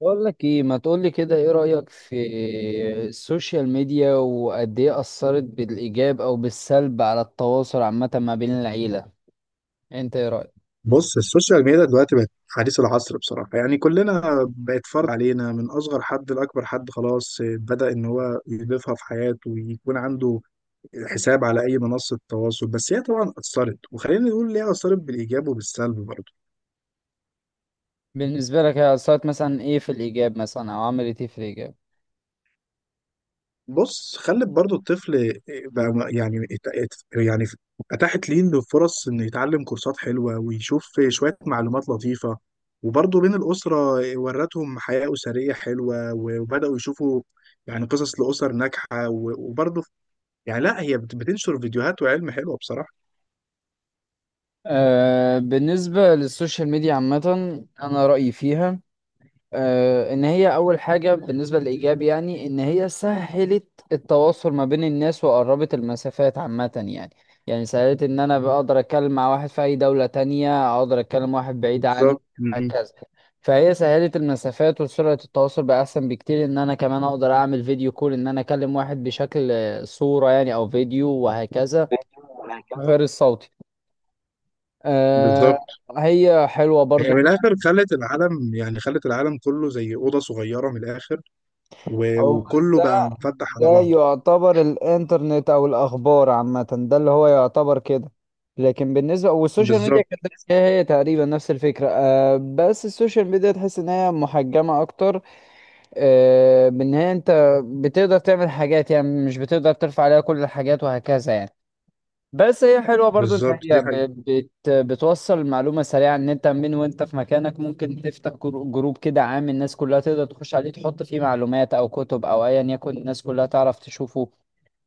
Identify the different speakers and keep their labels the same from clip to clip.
Speaker 1: بقول لك ايه، ما تقول لي كده، ايه رأيك في السوشيال ميديا وقد ايه أثرت بالإيجاب او بالسلب على التواصل عامة ما بين العيلة؟ انت ايه رأيك؟
Speaker 2: بص، السوشيال ميديا دلوقتي بقت حديث العصر بصراحة، يعني كلنا بقت فرض علينا، من أصغر حد لأكبر حد خلاص بدأ إن هو يضيفها في حياته ويكون عنده حساب على أي منصة تواصل. بس هي طبعا أثرت، وخلينا نقول ليه أثرت بالإيجاب وبالسلب برضه.
Speaker 1: بالنسبة لك هي أثرت مثلا ايه في الإيجاب، مثلا او عملت ايه في الإيجاب؟
Speaker 2: بص، خلت برضو الطفل بقى اتاحت ليه انه فرص انه يتعلم كورسات حلوه ويشوف شويه معلومات لطيفه. وبرضو بين الاسره، ورتهم حياه اسريه حلوه، وبداوا يشوفوا يعني قصص لاسر ناجحه وبرضو يعني لا، هي بتنشر فيديوهات وعلم حلوه بصراحه.
Speaker 1: بالنسبة للسوشيال ميديا عامة، انا رأيي فيها، ان هي اول حاجة بالنسبة للايجاب، يعني ان هي سهلت التواصل ما بين الناس وقربت المسافات عامة، يعني. يعني سهلت ان انا بقدر اتكلم مع واحد في اي دولة تانية، اقدر اتكلم واحد بعيد عني،
Speaker 2: بالظبط.
Speaker 1: هكذا. فهي سهلت المسافات وسرعة التواصل بقى احسن بكتير، ان انا كمان اقدر اعمل فيديو كول، ان انا اكلم واحد بشكل صورة يعني او فيديو وهكذا، غير الصوتي. آه،
Speaker 2: بالظبط.
Speaker 1: هي حلوة
Speaker 2: هي
Speaker 1: برضو.
Speaker 2: من الاخر خلت العالم، يعني خلت العالم كله زي اوضه صغيره من الاخر،
Speaker 1: هو
Speaker 2: وكله بقى
Speaker 1: ده.
Speaker 2: مفتح على
Speaker 1: ده
Speaker 2: بعضه.
Speaker 1: يعتبر الانترنت او الاخبار عامه، ده اللي هو يعتبر كده. لكن بالنسبه والسوشيال ميديا
Speaker 2: بالظبط.
Speaker 1: كانت هي تقريبا نفس الفكره، بس السوشيال ميديا تحس ان هي محجمه اكتر. بان هي انت بتقدر تعمل حاجات، يعني مش بتقدر ترفع عليها كل الحاجات وهكذا يعني. بس هي حلوة برضو ان
Speaker 2: بالظبط
Speaker 1: هي
Speaker 2: دي حقيقة.
Speaker 1: ب- بت بتوصل المعلومة سريعة، ان انت من وانت في مكانك ممكن تفتح جروب كده عام، الناس كلها تقدر تخش عليه تحط فيه معلومات او كتب او ايا يكن، الناس كلها تعرف تشوفه.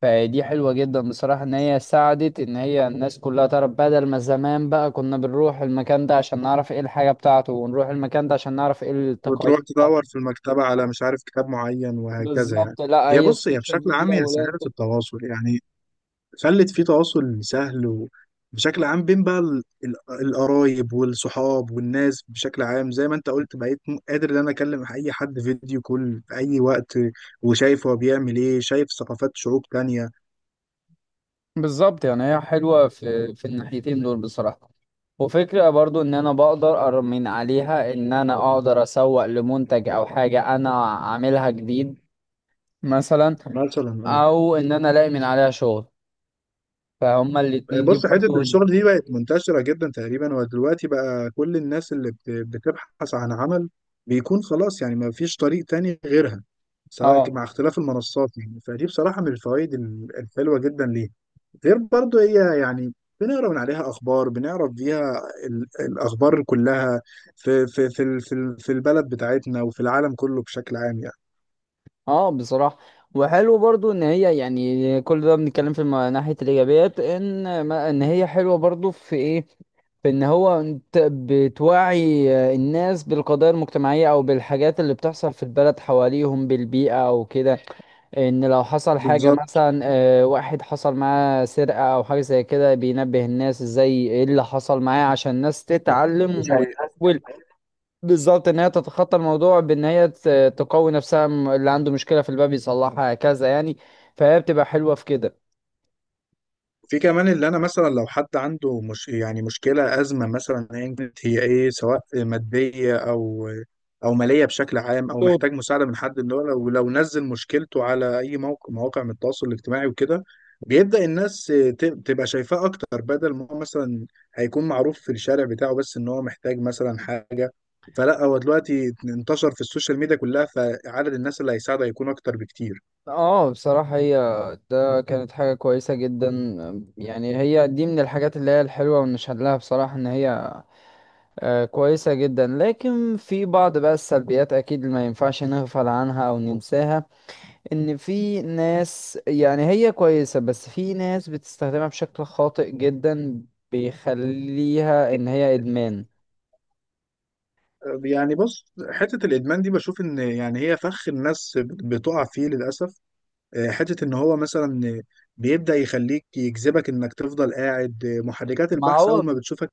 Speaker 1: فدي حلوة جدا بصراحة، ان هي ساعدت ان هي الناس كلها تعرف، بدل ما زمان بقى كنا بنروح المكان ده عشان نعرف ايه الحاجة بتاعته، ونروح المكان ده عشان نعرف ايه
Speaker 2: وتروح
Speaker 1: التقاليد
Speaker 2: تدور
Speaker 1: بتاعته.
Speaker 2: في المكتبة على مش عارف كتاب معين وهكذا يعني.
Speaker 1: بالظبط، لا
Speaker 2: هي،
Speaker 1: هي
Speaker 2: بص، هي
Speaker 1: السوشيال
Speaker 2: بشكل عام
Speaker 1: ميديا.
Speaker 2: هي سهلت التواصل يعني، خلت في تواصل سهل، وبشكل عام بين بقى القرايب والصحاب والناس بشكل عام. زي ما انت قلت، بقيت قادر ان انا اكلم اي حد فيديو كول في اي وقت، وشايف هو بيعمل ايه، شايف ثقافات شعوب تانية.
Speaker 1: بالظبط، يعني هي حلوة في الناحيتين دول بصراحة. وفكرة برضو ان انا بقدر من عليها، ان انا اقدر اسوق لمنتج او حاجة انا عاملها جديد مثلا،
Speaker 2: مثلا آه.
Speaker 1: او ان انا الاقي من عليها شغل، فهما الاتنين دي
Speaker 2: بص، حتة
Speaker 1: برضو.
Speaker 2: الشغل دي بقت منتشرة جدا تقريبا، ودلوقتي بقى كل الناس اللي بتبحث عن عمل بيكون خلاص، يعني ما فيش طريق تاني غيرها، سواء
Speaker 1: اه
Speaker 2: مع اختلاف المنصات يعني. فدي بصراحة من الفوائد الحلوة جدا ليها. غير برضو هي يعني بنقرا من عليها أخبار، بنعرف بيها الأخبار كلها في في البلد بتاعتنا وفي العالم كله بشكل عام يعني.
Speaker 1: اه بصراحة وحلو برضو ان هي يعني كل ده بنتكلم في ناحية الايجابيات، ان ما ان هي حلوة برضو في ايه، في ان هو انت بتوعي الناس بالقضايا المجتمعية او بالحاجات اللي بتحصل في البلد حواليهم بالبيئة او كده. ان لو حصل حاجة
Speaker 2: بالظبط.
Speaker 1: مثلا، واحد حصل معاه سرقة او حاجة زي كده، بينبه الناس ازاي ايه اللي حصل معاه عشان الناس تتعلم.
Speaker 2: دي
Speaker 1: بالظبط، ان هي تتخطى الموضوع بان هي تقوي نفسها، اللي عنده مشكله في الباب يصلحها، هكذا يعني، فهي بتبقى حلوه في كده
Speaker 2: في كمان، اللي انا مثلا لو حد عنده مش يعني مشكله، ازمه مثلا ايا كانت هي ايه، سواء ماديه او او ماليه بشكل عام، او
Speaker 1: دول.
Speaker 2: محتاج مساعده من حد، اللي هو لو نزل مشكلته على اي موقع، مواقع من التواصل الاجتماعي وكده، بيبدا الناس تبقى شايفاه اكتر، بدل ما هو مثلا هيكون معروف في الشارع بتاعه بس ان هو محتاج مثلا حاجه. فلا، هو دلوقتي انتشر في السوشيال ميديا كلها، فعدد الناس اللي هيساعده هيكون اكتر بكتير.
Speaker 1: اه، بصراحه هي ده كانت حاجه كويسه جدا. يعني هي دي من الحاجات اللي هي الحلوه ونشهد لها بصراحه ان هي كويسه جدا. لكن في بعض بقى السلبيات اكيد اللي ما ينفعش نغفل عنها او ننساها، ان في ناس يعني هي كويسة بس في ناس بتستخدمها بشكل خاطئ جدا، بيخليها ان هي ادمان.
Speaker 2: يعني بص، حتة الإدمان دي بشوف إن يعني هي فخ الناس بتقع فيه للأسف. حتة إن هو مثلا بيبدأ يخليك، يجذبك إنك تفضل قاعد. محركات
Speaker 1: ما
Speaker 2: البحث
Speaker 1: هو
Speaker 2: أول ما بتشوفك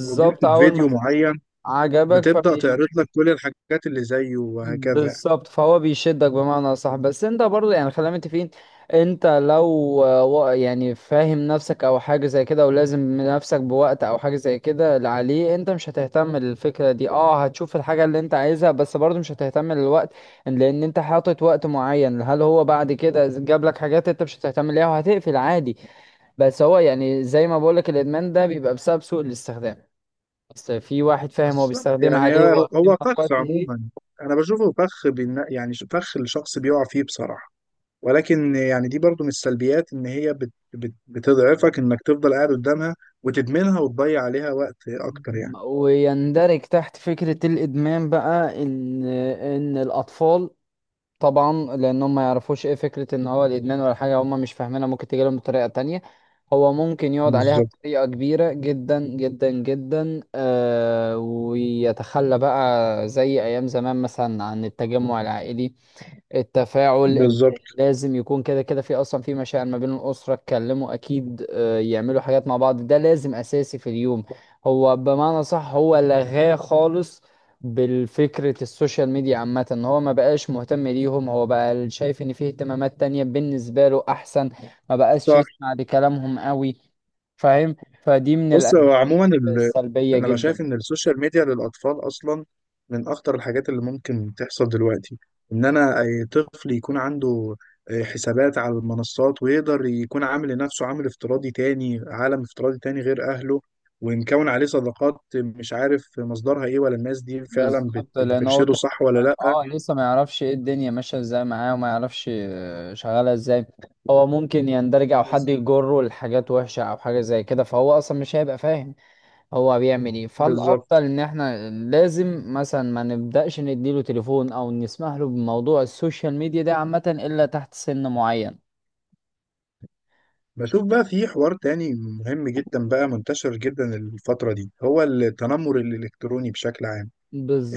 Speaker 2: وجدت
Speaker 1: اول ما
Speaker 2: فيديو معين،
Speaker 1: عجبك.
Speaker 2: بتبدأ تعرض لك كل الحاجات اللي زيه وهكذا.
Speaker 1: بالظبط، فهو بيشدك بمعنى صح، بس انت برضه يعني خلينا متفقين، انت لو يعني فاهم نفسك او حاجه زي كده، ولازم نفسك بوقت او حاجه زي كده، اللي عليه انت مش هتهتم للفكره دي، هتشوف الحاجه اللي انت عايزها، بس برضه مش هتهتم للوقت، لان انت حاطط وقت معين. هل هو بعد كده جاب لك حاجات انت مش هتهتم ليها؟ وهتقفل عادي. بس هو يعني زي ما بقولك الادمان ده بيبقى بسبب سوء الاستخدام، بس في واحد فاهم هو
Speaker 2: بالظبط.
Speaker 1: بيستخدمها
Speaker 2: يعني
Speaker 1: ليه
Speaker 2: هو
Speaker 1: وقيمة في
Speaker 2: فخ
Speaker 1: وقت
Speaker 2: عموما،
Speaker 1: ايه.
Speaker 2: أنا بشوفه فخ فخ الشخص بيقع فيه بصراحة. ولكن يعني دي برضو من السلبيات، ان هي بت بت بتضعفك، انك تفضل قاعد قدامها وتدمنها وتضيع عليها وقت اكتر يعني.
Speaker 1: ويندرج تحت فكرة الإدمان بقى إن الأطفال طبعا، لأن هم ما يعرفوش إيه فكرة إن هو الإدمان ولا حاجة، هم مش فاهمينها، ممكن تجيلهم بطريقة تانية. هو ممكن يقعد عليها
Speaker 2: بالظبط.
Speaker 1: بطريقة كبيرة جدا جدا جدا، ويتخلى بقى زي أيام زمان مثلا عن التجمع العائلي، التفاعل، إن
Speaker 2: بالظبط.
Speaker 1: لازم يكون كده كده، في اصلا في مشاعر ما بين الاسره، اتكلموا اكيد، يعملوا حاجات مع بعض، ده لازم اساسي في اليوم. هو بمعنى صح هو لغاه خالص بالفكرة. السوشيال ميديا عامة ان هو ما بقاش مهتم ليهم، هو بقى شايف ان فيه اهتمامات تانية بالنسبة له احسن، ما بقاش
Speaker 2: صح.
Speaker 1: يسمع لكلامهم قوي، فاهم. فدي من
Speaker 2: بص،
Speaker 1: الأسباب
Speaker 2: هو عموما ال...
Speaker 1: السلبية
Speaker 2: انا بقى
Speaker 1: جدا.
Speaker 2: شايف ان السوشيال ميديا للاطفال اصلا من اخطر الحاجات اللي ممكن تحصل دلوقتي. ان انا اي طفل يكون عنده حسابات على المنصات، ويقدر يكون عامل لنفسه عامل افتراضي تاني عالم افتراضي تاني غير اهله، ومكون عليه صداقات مش عارف مصدرها ايه، ولا الناس دي فعلا بت...
Speaker 1: بالظبط، لان هو
Speaker 2: بترشده
Speaker 1: كان
Speaker 2: صح ولا لا.
Speaker 1: اه لسه ما يعرفش ايه الدنيا ماشيه ازاي معاه، وما يعرفش شغاله ازاي. هو ممكن يندرج او حد
Speaker 2: بس.
Speaker 1: يجره لحاجات وحشه او حاجه زي كده، فهو اصلا مش هيبقى فاهم هو بيعمل ايه. فالافضل
Speaker 2: بالظبط.
Speaker 1: ان احنا لازم مثلا ما نبداش نديله تليفون او نسمح له بموضوع السوشيال ميديا ده عامه الا تحت سن معين.
Speaker 2: بشوف بقى في حوار تاني مهم جدا بقى، منتشر جدا الفترة دي، هو التنمر الالكتروني بشكل عام.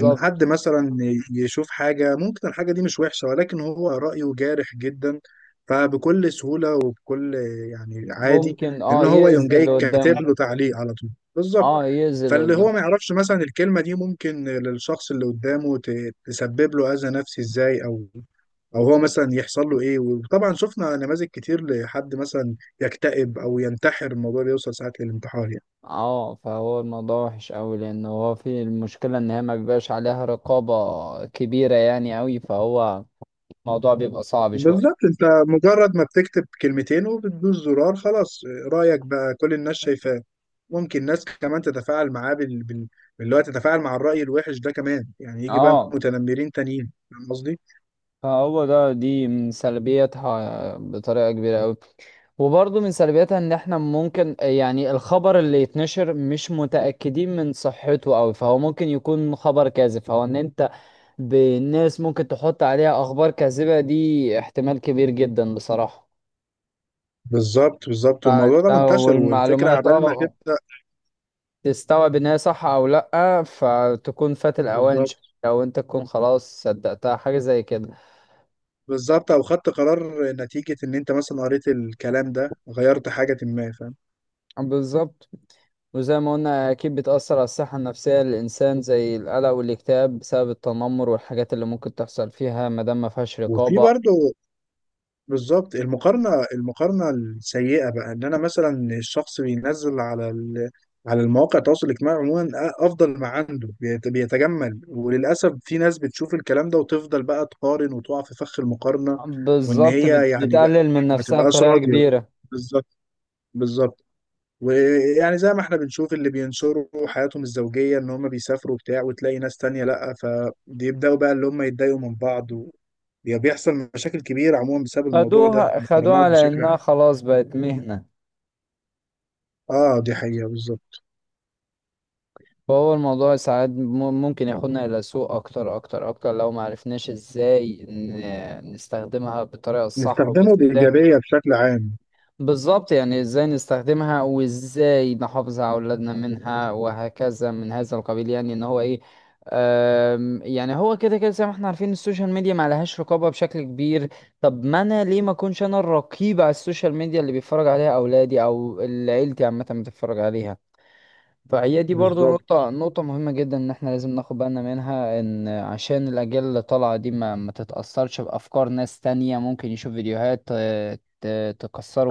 Speaker 2: ان حد مثلا يشوف حاجه، ممكن الحاجه دي مش وحشه، ولكن هو رايه جارح جدا، فبكل سهوله وبكل يعني عادي
Speaker 1: ممكن
Speaker 2: ان هو يقوم
Speaker 1: يأذي
Speaker 2: جاي
Speaker 1: اللي
Speaker 2: كاتب
Speaker 1: قدامه.
Speaker 2: له تعليق على طول. بالظبط.
Speaker 1: اه، يأذي اللي
Speaker 2: فاللي
Speaker 1: قدامه.
Speaker 2: هو ما يعرفش مثلا الكلمه دي ممكن للشخص اللي قدامه تسبب له اذى نفسي ازاي، او او هو مثلا يحصل له ايه. وطبعا شفنا نماذج كتير لحد مثلا يكتئب او ينتحر، الموضوع بيوصل ساعات للانتحار يعني.
Speaker 1: اه، فهو الموضوع وحش قوي، لان هو في المشكله ان هي ما بيبقاش عليها رقابه كبيره يعني قوي، فهو الموضوع بيبقى صعب شويه.
Speaker 2: بالظبط. انت مجرد ما بتكتب كلمتين وبتدوس زرار، خلاص رأيك بقى كل الناس شايفاه، ممكن ناس كمان تتفاعل معاه بال... بال... باللي هو تتفاعل مع الرأي الوحش ده كمان، يعني يجي بقى
Speaker 1: اه،
Speaker 2: متنمرين تانيين، فاهم قصدي؟
Speaker 1: فهو دي من سلبياتها بطريقه كبيره قوي. وبرضه من سلبياتها ان احنا ممكن يعني الخبر اللي يتنشر مش متاكدين من صحته قوي، فهو ممكن يكون خبر كاذب. فهو ان انت بالناس ممكن تحط عليها اخبار كاذبه، دي احتمال كبير جدا بصراحه.
Speaker 2: بالظبط. بالظبط. والموضوع
Speaker 1: فانت
Speaker 2: ده منتشر، والفكرة
Speaker 1: والمعلومات
Speaker 2: عبال ما تبدأ.
Speaker 1: تستوعب ان هي صح او لأ، فتكون فات الأوان شوية،
Speaker 2: بالظبط.
Speaker 1: لو انت تكون خلاص صدقتها حاجة زي كده.
Speaker 2: بالظبط. او خدت قرار نتيجة ان انت مثلا قريت الكلام ده، غيرت حاجة، ما فاهم؟
Speaker 1: بالظبط. وزي ما قلنا أكيد بتأثر على الصحة النفسية للإنسان زي القلق والاكتئاب بسبب التنمر والحاجات اللي ممكن تحصل فيها مادام ما فيهاش
Speaker 2: وفي
Speaker 1: رقابة.
Speaker 2: برضه، بالظبط، المقارنة السيئة بقى، ان انا مثلا الشخص بينزل على ال... على المواقع التواصل الاجتماعي عموما افضل ما عنده بيتجمل، وللاسف في ناس بتشوف الكلام ده وتفضل بقى تقارن وتقع في فخ المقارنة. وان
Speaker 1: بالظبط،
Speaker 2: هي يعني بقى
Speaker 1: بتقلل من
Speaker 2: ما
Speaker 1: نفسها
Speaker 2: تبقاش
Speaker 1: بطريقة
Speaker 2: راضية بقى.
Speaker 1: كبيرة.
Speaker 2: بالظبط. بالظبط. ويعني زي ما احنا بنشوف اللي بينشروا حياتهم الزوجية، ان هم بيسافروا وبتاع، وتلاقي ناس تانية لأ، فبيبدأوا بقى اللي هم يتضايقوا من بعض و... بيحصل مشاكل كبيرة عموما بسبب الموضوع ده،
Speaker 1: خدوها خدوها
Speaker 2: المقارنات
Speaker 1: على
Speaker 2: بشكل
Speaker 1: إنها
Speaker 2: عام.
Speaker 1: خلاص بقت مهنة.
Speaker 2: اه دي حقيقة بالظبط.
Speaker 1: فهو الموضوع ساعات ممكن ياخدنا إلى سوء أكتر أكتر أكتر لو ما عرفناش إزاي نستخدمها بالطريقة الصح،
Speaker 2: نستخدمه
Speaker 1: وإزاي
Speaker 2: بإيجابية بشكل عام.
Speaker 1: بالظبط يعني إزاي نستخدمها وإزاي نحافظ على أولادنا منها، وهكذا من هذا القبيل، يعني إن هو إيه. يعني هو كده كده زي ما احنا عارفين السوشيال ميديا ما لهاش رقابة بشكل كبير. طب ما أنا ليه ما أكونش أنا الرقيب على السوشيال ميديا اللي بيتفرج عليها أولادي أو اللي عيلتي عامة بتتفرج عليها؟ فهي دي برضو
Speaker 2: بالظبط.
Speaker 1: نقطة مهمة جدا، إن إحنا لازم ناخد بالنا منها، إن عشان الأجيال اللي طالعة دي ما تتأثرش بأفكار ناس تانية، ممكن يشوف فيديوهات،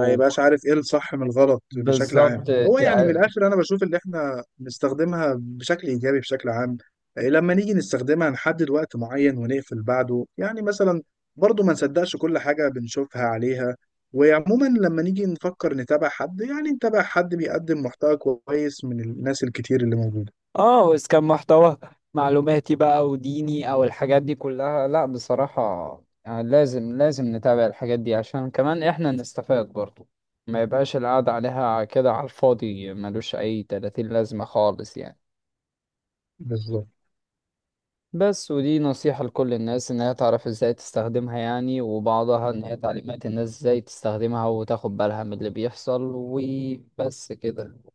Speaker 2: ما يبقاش عارف ايه الصح من الغلط بشكل
Speaker 1: بالظبط،
Speaker 2: عام. هو يعني من الاخر انا بشوف اللي احنا بنستخدمها بشكل ايجابي بشكل عام. إيه، لما نيجي نستخدمها نحدد وقت معين ونقفل بعده يعني مثلا. برضو ما نصدقش كل حاجة بنشوفها عليها. وعموما لما نيجي نفكر نتابع حد، يعني نتابع حد بيقدم محتوى كويس من الناس الكتير اللي موجودة.
Speaker 1: وإذا كان محتوى معلوماتي بقى وديني أو الحاجات دي كلها، لأ بصراحة، لازم لازم نتابع الحاجات دي عشان كمان إحنا نستفاد برضو، ما يبقاش القعدة عليها كده على الفاضي، ملوش أي تلاتين لازمة خالص يعني.
Speaker 2: بالظبط.
Speaker 1: بس ودي نصيحة لكل الناس، إنها تعرف إزاي تستخدمها يعني، وبعضها إن هي تعليمات الناس إزاي تستخدمها وتاخد بالها من اللي بيحصل، وبس كده.